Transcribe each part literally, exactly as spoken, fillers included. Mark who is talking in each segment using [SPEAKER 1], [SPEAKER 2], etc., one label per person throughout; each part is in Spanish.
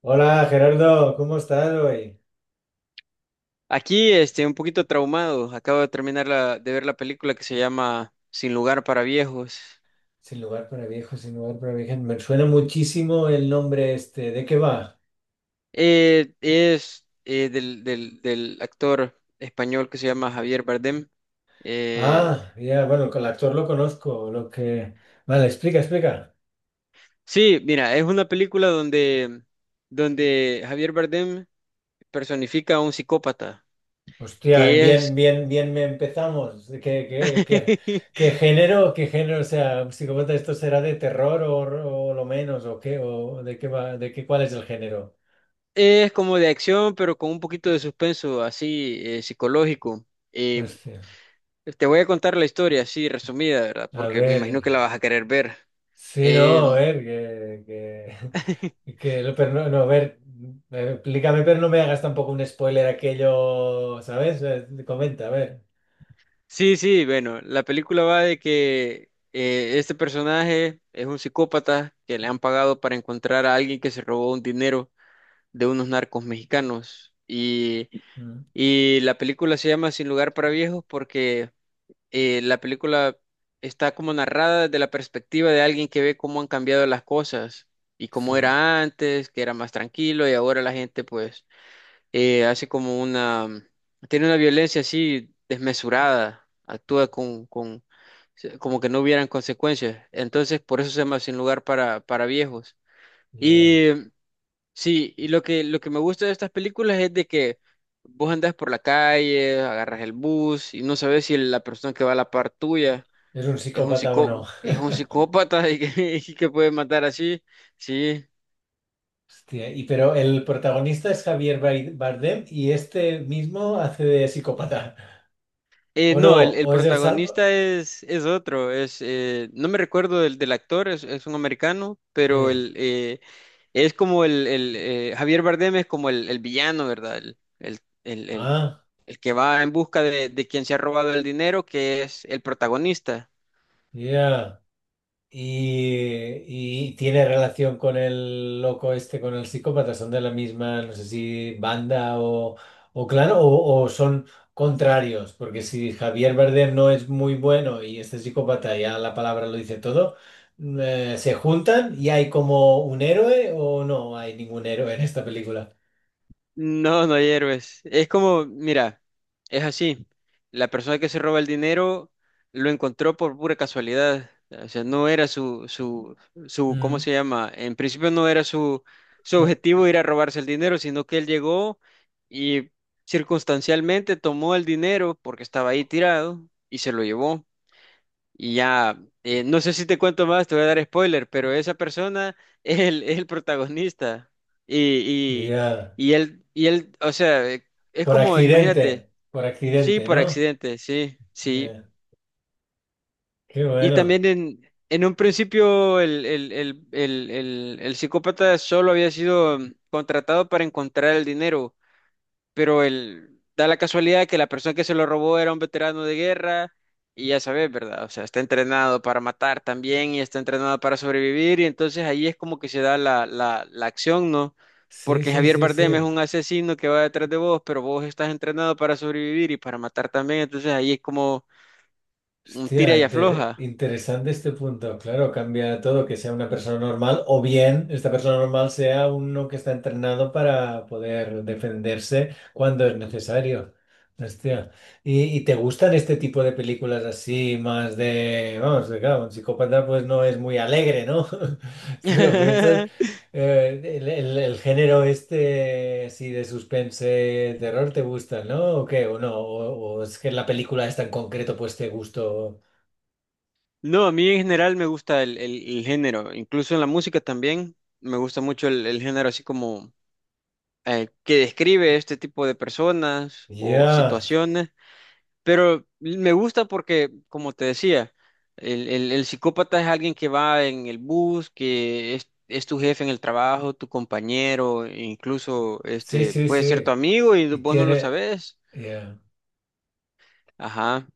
[SPEAKER 1] Hola Gerardo, ¿cómo estás hoy?
[SPEAKER 2] Aquí, este, un poquito traumado. Acabo de terminar la- de ver la película que se llama Sin lugar para viejos.
[SPEAKER 1] Sin lugar para viejos, sin lugar para viejas. Me suena muchísimo el nombre este. ¿De qué va?
[SPEAKER 2] Eh, es eh, del, del, del actor español que se llama Javier Bardem. Eh,
[SPEAKER 1] Ah, ya, bueno, el actor lo conozco. Lo que... Vale, explica, explica.
[SPEAKER 2] sí, mira, es una película donde, donde Javier Bardem personifica a un psicópata,
[SPEAKER 1] Hostia,
[SPEAKER 2] que
[SPEAKER 1] bien,
[SPEAKER 2] es,
[SPEAKER 1] bien, bien me empezamos. ¿Qué, qué, qué, qué género? ¿Qué género? O sea, psicópata, ¿esto será de terror o, o lo menos? ¿O qué? ¿O de qué va? ¿De qué cuál es el género?
[SPEAKER 2] es como de acción, pero con un poquito de suspenso así eh, psicológico. Eh,
[SPEAKER 1] Hostia.
[SPEAKER 2] Te voy a contar la historia así resumida, ¿verdad?
[SPEAKER 1] A
[SPEAKER 2] Porque me imagino
[SPEAKER 1] ver.
[SPEAKER 2] que la vas a querer ver.
[SPEAKER 1] Sí, no, a
[SPEAKER 2] Em,
[SPEAKER 1] ver, que, que, que lo- pero no, no, a ver, eh, explícame, pero no me hagas tampoco un spoiler aquello, ¿sabes? Eh, Comenta, a ver.
[SPEAKER 2] sí, sí, bueno, la película va de que eh, este personaje es un psicópata que le han pagado para encontrar a alguien que se robó un dinero de unos narcos mexicanos. Y,
[SPEAKER 1] Mm,
[SPEAKER 2] y la película se llama Sin lugar para viejos porque eh, la película está como narrada desde la perspectiva de alguien que ve cómo han cambiado las cosas y cómo
[SPEAKER 1] sí,
[SPEAKER 2] era antes, que era más tranquilo y ahora la gente pues eh, hace como una, tiene una violencia así desmesurada, actúa con, con, como que no hubieran consecuencias. Entonces, por eso se llama Sin lugar para, para viejos.
[SPEAKER 1] ya.
[SPEAKER 2] Y sí, y lo que, lo que me gusta de estas películas es de que vos andás por la calle, agarras el bus y no sabes si la persona que va a la par tuya
[SPEAKER 1] ¿Es un
[SPEAKER 2] es un
[SPEAKER 1] psicópata o no?
[SPEAKER 2] psicó, es un psicópata y que, y que puede matar así. Sí.
[SPEAKER 1] Hostia, y pero el protagonista es Javier Bai- Bardem y este mismo hace de psicópata.
[SPEAKER 2] Eh,
[SPEAKER 1] ¿O no?
[SPEAKER 2] no, el, el
[SPEAKER 1] ¿O es el salvo?
[SPEAKER 2] protagonista es, es otro, es, eh, no me recuerdo del, del actor, es, es un americano,
[SPEAKER 1] Sí.
[SPEAKER 2] pero el, eh, es como el, el, eh, Javier Bardem es como el, el villano, ¿verdad? El, el, el, el,
[SPEAKER 1] Ah,
[SPEAKER 2] el que va en busca de, de quien se ha robado el dinero, que es el protagonista.
[SPEAKER 1] ya. Y, y tiene relación con el loco este, con el psicópata, son de la misma, no sé si banda o, o clan, o, o son contrarios, porque si Javier Bardem no es muy bueno y este psicópata ya la palabra lo dice todo, mm, eh, ¿se juntan y hay como un héroe o no hay ningún héroe en esta película?
[SPEAKER 2] No, no hay héroes. Es como, mira, es así. La persona que se roba el dinero lo encontró por pura casualidad. O sea, no era su, su, su, ¿cómo
[SPEAKER 1] Mm.
[SPEAKER 2] se llama? En principio no era su, su
[SPEAKER 1] Oh,
[SPEAKER 2] objetivo ir a robarse el dinero, sino que él llegó y circunstancialmente tomó el dinero porque estaba ahí tirado y se lo llevó. Y ya, eh, no sé si te cuento más, te voy a dar spoiler, pero esa persona es el, es el protagonista. Y,
[SPEAKER 1] ya.
[SPEAKER 2] y, y él, y él, o sea, eh, es
[SPEAKER 1] Por
[SPEAKER 2] como, imagínate,
[SPEAKER 1] accidente, por
[SPEAKER 2] sí,
[SPEAKER 1] accidente,
[SPEAKER 2] por
[SPEAKER 1] ¿no?
[SPEAKER 2] accidente, sí, sí.
[SPEAKER 1] Ya. Qué
[SPEAKER 2] Y
[SPEAKER 1] bueno.
[SPEAKER 2] también en, en un principio el, el, el, el, el, el psicópata solo había sido mm, contratado para encontrar el dinero pero el, da la casualidad que la persona que se lo robó era un veterano de guerra y ya sabes, ¿verdad? O sea, está entrenado para matar también y está entrenado para sobrevivir y entonces ahí es como que se da la, la, la acción, ¿no?
[SPEAKER 1] Sí,
[SPEAKER 2] Porque
[SPEAKER 1] sí,
[SPEAKER 2] Javier
[SPEAKER 1] sí,
[SPEAKER 2] Bardem es
[SPEAKER 1] sí.
[SPEAKER 2] un asesino que va detrás de vos, pero vos estás entrenado para sobrevivir y para matar también, entonces ahí es como un tira
[SPEAKER 1] Hostia,
[SPEAKER 2] y
[SPEAKER 1] inter-
[SPEAKER 2] afloja.
[SPEAKER 1] interesante este punto. Claro, cambia todo, que sea una persona normal o bien esta persona normal sea uno que está entrenado para poder defenderse cuando es necesario. Hostia. ¿Y, y te gustan este tipo de películas así, más de, vamos, de, claro, un psicópata pues no es muy alegre, ¿no? Si lo piensas, eh, el, el- el género este, así de suspense, terror, ¿te gusta, no? ¿O qué? ¿O no? ¿O, o es que la película esta en concreto pues te gustó?
[SPEAKER 2] No, a mí en general me gusta el, el- el género, incluso en la música también me gusta mucho el, el género así como eh, que describe este tipo de personas o
[SPEAKER 1] Ya,
[SPEAKER 2] situaciones, pero me gusta porque, como te decía, el, el- el psicópata es alguien que va en el bus, que es, es tu jefe en el trabajo, tu compañero, e incluso
[SPEAKER 1] sí,
[SPEAKER 2] este,
[SPEAKER 1] sí,
[SPEAKER 2] puede ser tu
[SPEAKER 1] sí.
[SPEAKER 2] amigo y
[SPEAKER 1] Y
[SPEAKER 2] vos no lo
[SPEAKER 1] tiene,
[SPEAKER 2] sabes.
[SPEAKER 1] ya.
[SPEAKER 2] Ajá.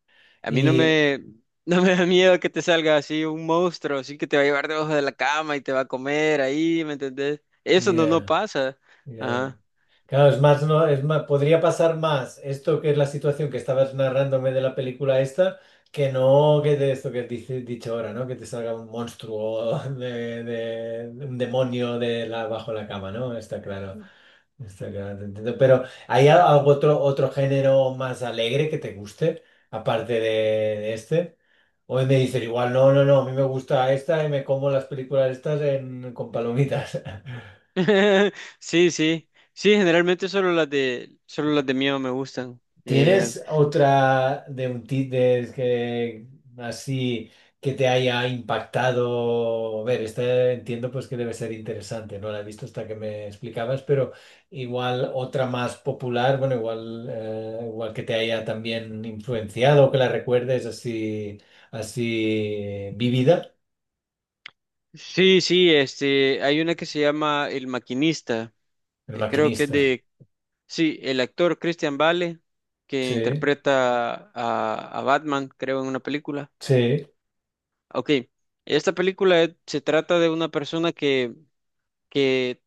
[SPEAKER 2] A mí no
[SPEAKER 1] Y,
[SPEAKER 2] me, no me da miedo que te salga así un monstruo, así que te va a llevar debajo de la cama y te va a comer ahí, ¿me entendés? Eso no, no
[SPEAKER 1] ya,
[SPEAKER 2] pasa.
[SPEAKER 1] ya.
[SPEAKER 2] Ajá.
[SPEAKER 1] Claro, es más, no, es más, podría pasar más esto que es la situación que estabas narrándome de la película esta, que no que de esto que dice dicho ahora, ¿no? Que te salga un monstruo de, de- un demonio de la, bajo la cama, ¿no? Está claro. Está claro, te entiendo. Pero ¿hay al- algo otro, otro género más alegre que te guste, aparte de, de este? O me dices igual, no, no, no, a mí me gusta esta y me como las películas estas en- con palomitas.
[SPEAKER 2] Sí, sí, sí, generalmente solo las de, solo las de miedo me gustan. Eh,
[SPEAKER 1] ¿Tienes otra de un ti- de que así que te haya impactado? A ver, esta entiendo pues que debe ser interesante, no la he visto hasta que me explicabas, pero igual otra más popular, bueno, igual, eh, igual que te haya también influenciado, que la recuerdes así, así vivida,
[SPEAKER 2] sí, sí, este, hay una que se llama El Maquinista,
[SPEAKER 1] el
[SPEAKER 2] que creo que es
[SPEAKER 1] maquinista.
[SPEAKER 2] de, sí, el actor Christian Bale, que
[SPEAKER 1] Sí,
[SPEAKER 2] interpreta a, a Batman, creo, en una película.
[SPEAKER 1] sí.
[SPEAKER 2] Ok, esta película es- se trata de una persona que, que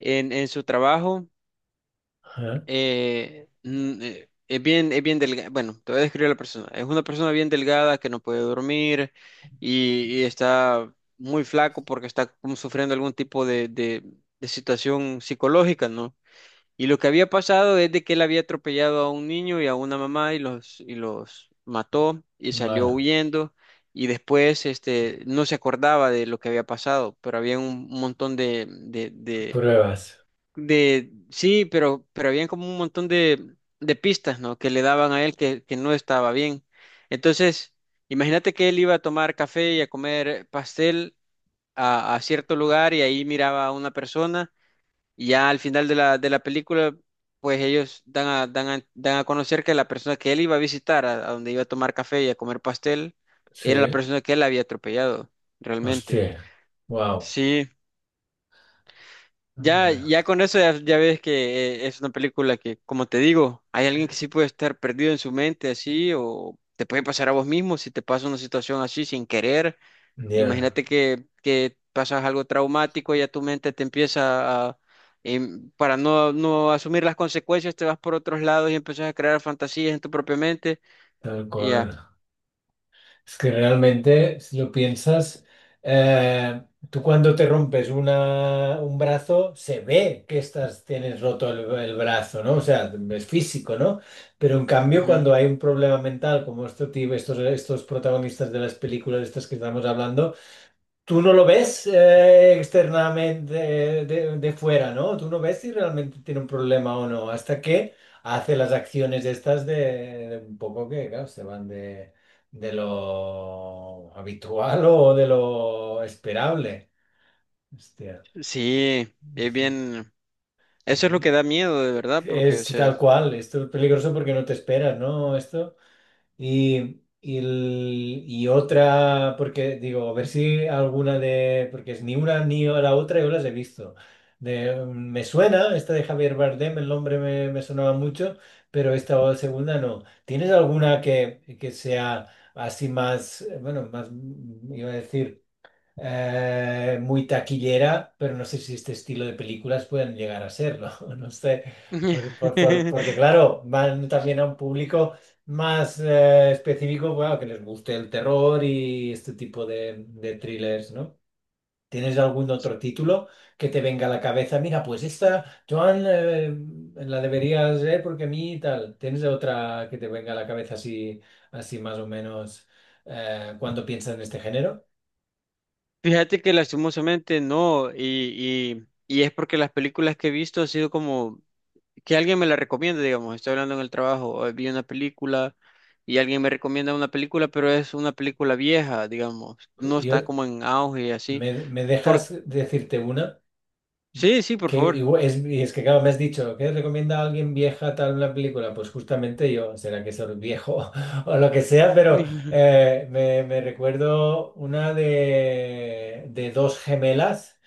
[SPEAKER 2] en, en su trabajo.
[SPEAKER 1] Ajá.
[SPEAKER 2] Eh, mm, eh, es bien, es bien delgada. Bueno, te voy a describir a la persona. Es una persona bien delgada que no puede dormir y, y está muy flaco porque está como sufriendo algún tipo de, de, de situación psicológica, ¿no? Y lo que había pasado es de que él había atropellado a un niño y a una mamá y los, y los mató y salió
[SPEAKER 1] Bueno,
[SPEAKER 2] huyendo. Y después este, no se acordaba de lo que había pasado, pero había un montón de,
[SPEAKER 1] pruebas.
[SPEAKER 2] de, sí, pero, pero habían como un montón de, de pistas, ¿no? Que le daban a él que, que no estaba bien. Entonces, imagínate que él iba a tomar café y a comer pastel a, a cierto lugar y ahí miraba a una persona y ya al final de la, de la película, pues ellos dan a, dan a, dan a conocer que la persona que él iba a visitar, a, a donde iba a tomar café y a comer pastel, era la
[SPEAKER 1] Sí.
[SPEAKER 2] persona que él había atropellado, realmente.
[SPEAKER 1] Hostia. Wow.
[SPEAKER 2] Sí. Ya, ya con eso ya, ya ves que eh, es una película que, como te digo, hay alguien que sí puede estar perdido en su mente así, o te puede pasar a vos mismo si te pasa una situación así sin querer.
[SPEAKER 1] Ya.
[SPEAKER 2] Imagínate que, que pasas algo traumático y ya tu mente te empieza a, em, para no, no asumir las consecuencias, te vas por otros lados y empiezas a crear fantasías en tu propia mente
[SPEAKER 1] Tal
[SPEAKER 2] y
[SPEAKER 1] cual.
[SPEAKER 2] ya.
[SPEAKER 1] Es que realmente, si lo piensas, eh, tú cuando te rompes una, un brazo, se ve que estás, tienes roto el, el brazo, ¿no? O sea, es físico, ¿no? Pero en cambio, cuando
[SPEAKER 2] Ujú.
[SPEAKER 1] hay un problema mental como esto, ti- estos, estos protagonistas de las películas estas que estamos hablando, tú no lo ves eh, externamente eh, de, de fuera, ¿no? Tú no ves si realmente tiene un problema o no, hasta que hace las acciones estas de, de un poco que, claro, se van de, de lo habitual o de lo esperable. Hostia.
[SPEAKER 2] Sí, es
[SPEAKER 1] Ujú.
[SPEAKER 2] bien, eso es lo que da miedo de verdad, porque, o
[SPEAKER 1] Es
[SPEAKER 2] sea...
[SPEAKER 1] tal cual, esto es peligroso porque no te esperas, ¿no? Esto. Y, y, el- y otra, porque digo, a ver si alguna de, porque es ni una ni la otra yo las he visto. De, mm, me suena, esta de Javier Bardem, el nombre me, me sonaba mucho, pero esta segunda no. ¿Tienes alguna que, que sea así más, eh, bueno, más, mm, iba a decir eh, muy taquillera, pero no sé si este estilo de películas pueden llegar a serlo, no sé, por- por- por- porque claro, van también a un público más eh, específico, bueno, que les guste el terror y este tipo de, de thrillers, ¿no? ¿Tienes algún otro título que te venga a la cabeza? Mira, pues esta, Joan, eh, la deberías ver porque a mí tal. ¿Tienes otra que te venga a la cabeza así, así más o menos eh, cuando piensas en este género?
[SPEAKER 2] Fíjate que lastimosamente no, y, y, y es porque las películas que he visto ha sido como que alguien me la recomienda, digamos, estoy hablando en el trabajo, eh, vi una película y alguien me recomienda una película, pero es una película vieja, digamos, no está
[SPEAKER 1] Yo,
[SPEAKER 2] como en auge y así.
[SPEAKER 1] Me, me
[SPEAKER 2] Por...
[SPEAKER 1] dejas decirte una
[SPEAKER 2] Sí, sí, por
[SPEAKER 1] que
[SPEAKER 2] favor.
[SPEAKER 1] igual- es, y es que claro, me has dicho, ¿qué recomienda a alguien vieja tal una película? Pues justamente yo, será que soy viejo o lo que sea, pero
[SPEAKER 2] Ujú,
[SPEAKER 1] eh, me, me recuerdo una de, de dos gemelas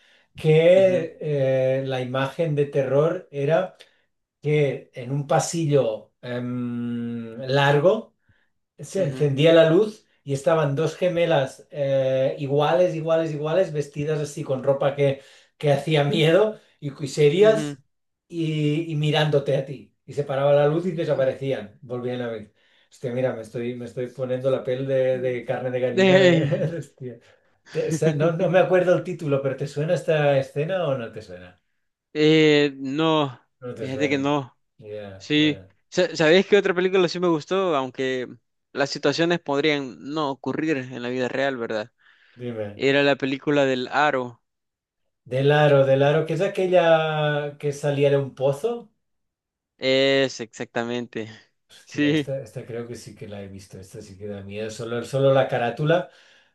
[SPEAKER 2] ujú,
[SPEAKER 1] que eh, la imagen de terror era que en un pasillo em, largo se
[SPEAKER 2] ujú,
[SPEAKER 1] encendía la luz y estaban dos gemelas eh, iguales, iguales, iguales, vestidas así con ropa que, que hacía miedo y, y
[SPEAKER 2] ujú.
[SPEAKER 1] serias y, y mirándote a ti. Y se paraba la luz y
[SPEAKER 2] Mm.
[SPEAKER 1] desaparecían, volvían a ver. Hostia, mira, me estoy, me estoy poniendo la piel de, de carne de gallina de...
[SPEAKER 2] Eh,
[SPEAKER 1] de hostia. Te- esa- no, no me acuerdo el título, pero ¿te suena esta escena o no te suena?
[SPEAKER 2] eh, no,
[SPEAKER 1] No te
[SPEAKER 2] fíjate que
[SPEAKER 1] suena.
[SPEAKER 2] no.
[SPEAKER 1] Ya,
[SPEAKER 2] Sí.
[SPEAKER 1] bueno.
[SPEAKER 2] Sa- ¿sabéis qué otra película sí me gustó? Aunque las situaciones podrían no ocurrir en la vida real, ¿verdad?
[SPEAKER 1] Dime.
[SPEAKER 2] Era la película del Aro.
[SPEAKER 1] Del aro, del aro, ¿que es aquella que salía de un pozo?
[SPEAKER 2] Es exactamente.
[SPEAKER 1] Hostia,
[SPEAKER 2] Sí,
[SPEAKER 1] esta, esta creo que sí que la he visto. Esta sí que da miedo. Solo, solo la carátula,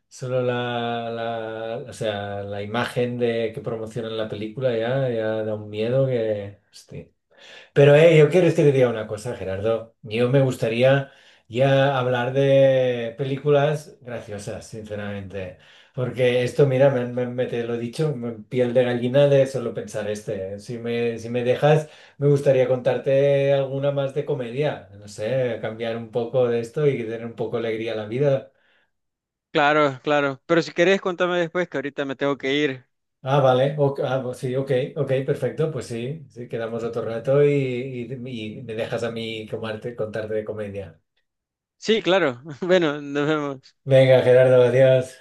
[SPEAKER 1] solo la, la- o sea, la imagen de que promocionan la película ya, ya da un miedo que. Hostia. Pero eh, yo quiero decir diga una cosa, Gerardo. Yo me gustaría ya hablar de películas graciosas, sinceramente. Porque esto, mira, me, me- me te lo he dicho, me- piel de gallina de solo pensar este. ¿Eh? Si me, si me dejas, me gustaría contarte alguna más de comedia. No sé, cambiar un poco de esto y tener un poco de alegría a la vida.
[SPEAKER 2] claro, claro. Pero si querés, contame después, que ahorita me tengo que ir.
[SPEAKER 1] Ah, vale. Ok, ah, pues sí, ok, ok, perfecto. Pues sí, sí, quedamos otro rato y, y- y me dejas a mí comarte- contarte de comedia.
[SPEAKER 2] Sí, claro. Bueno, nos vemos.
[SPEAKER 1] Venga, Gerardo, adiós.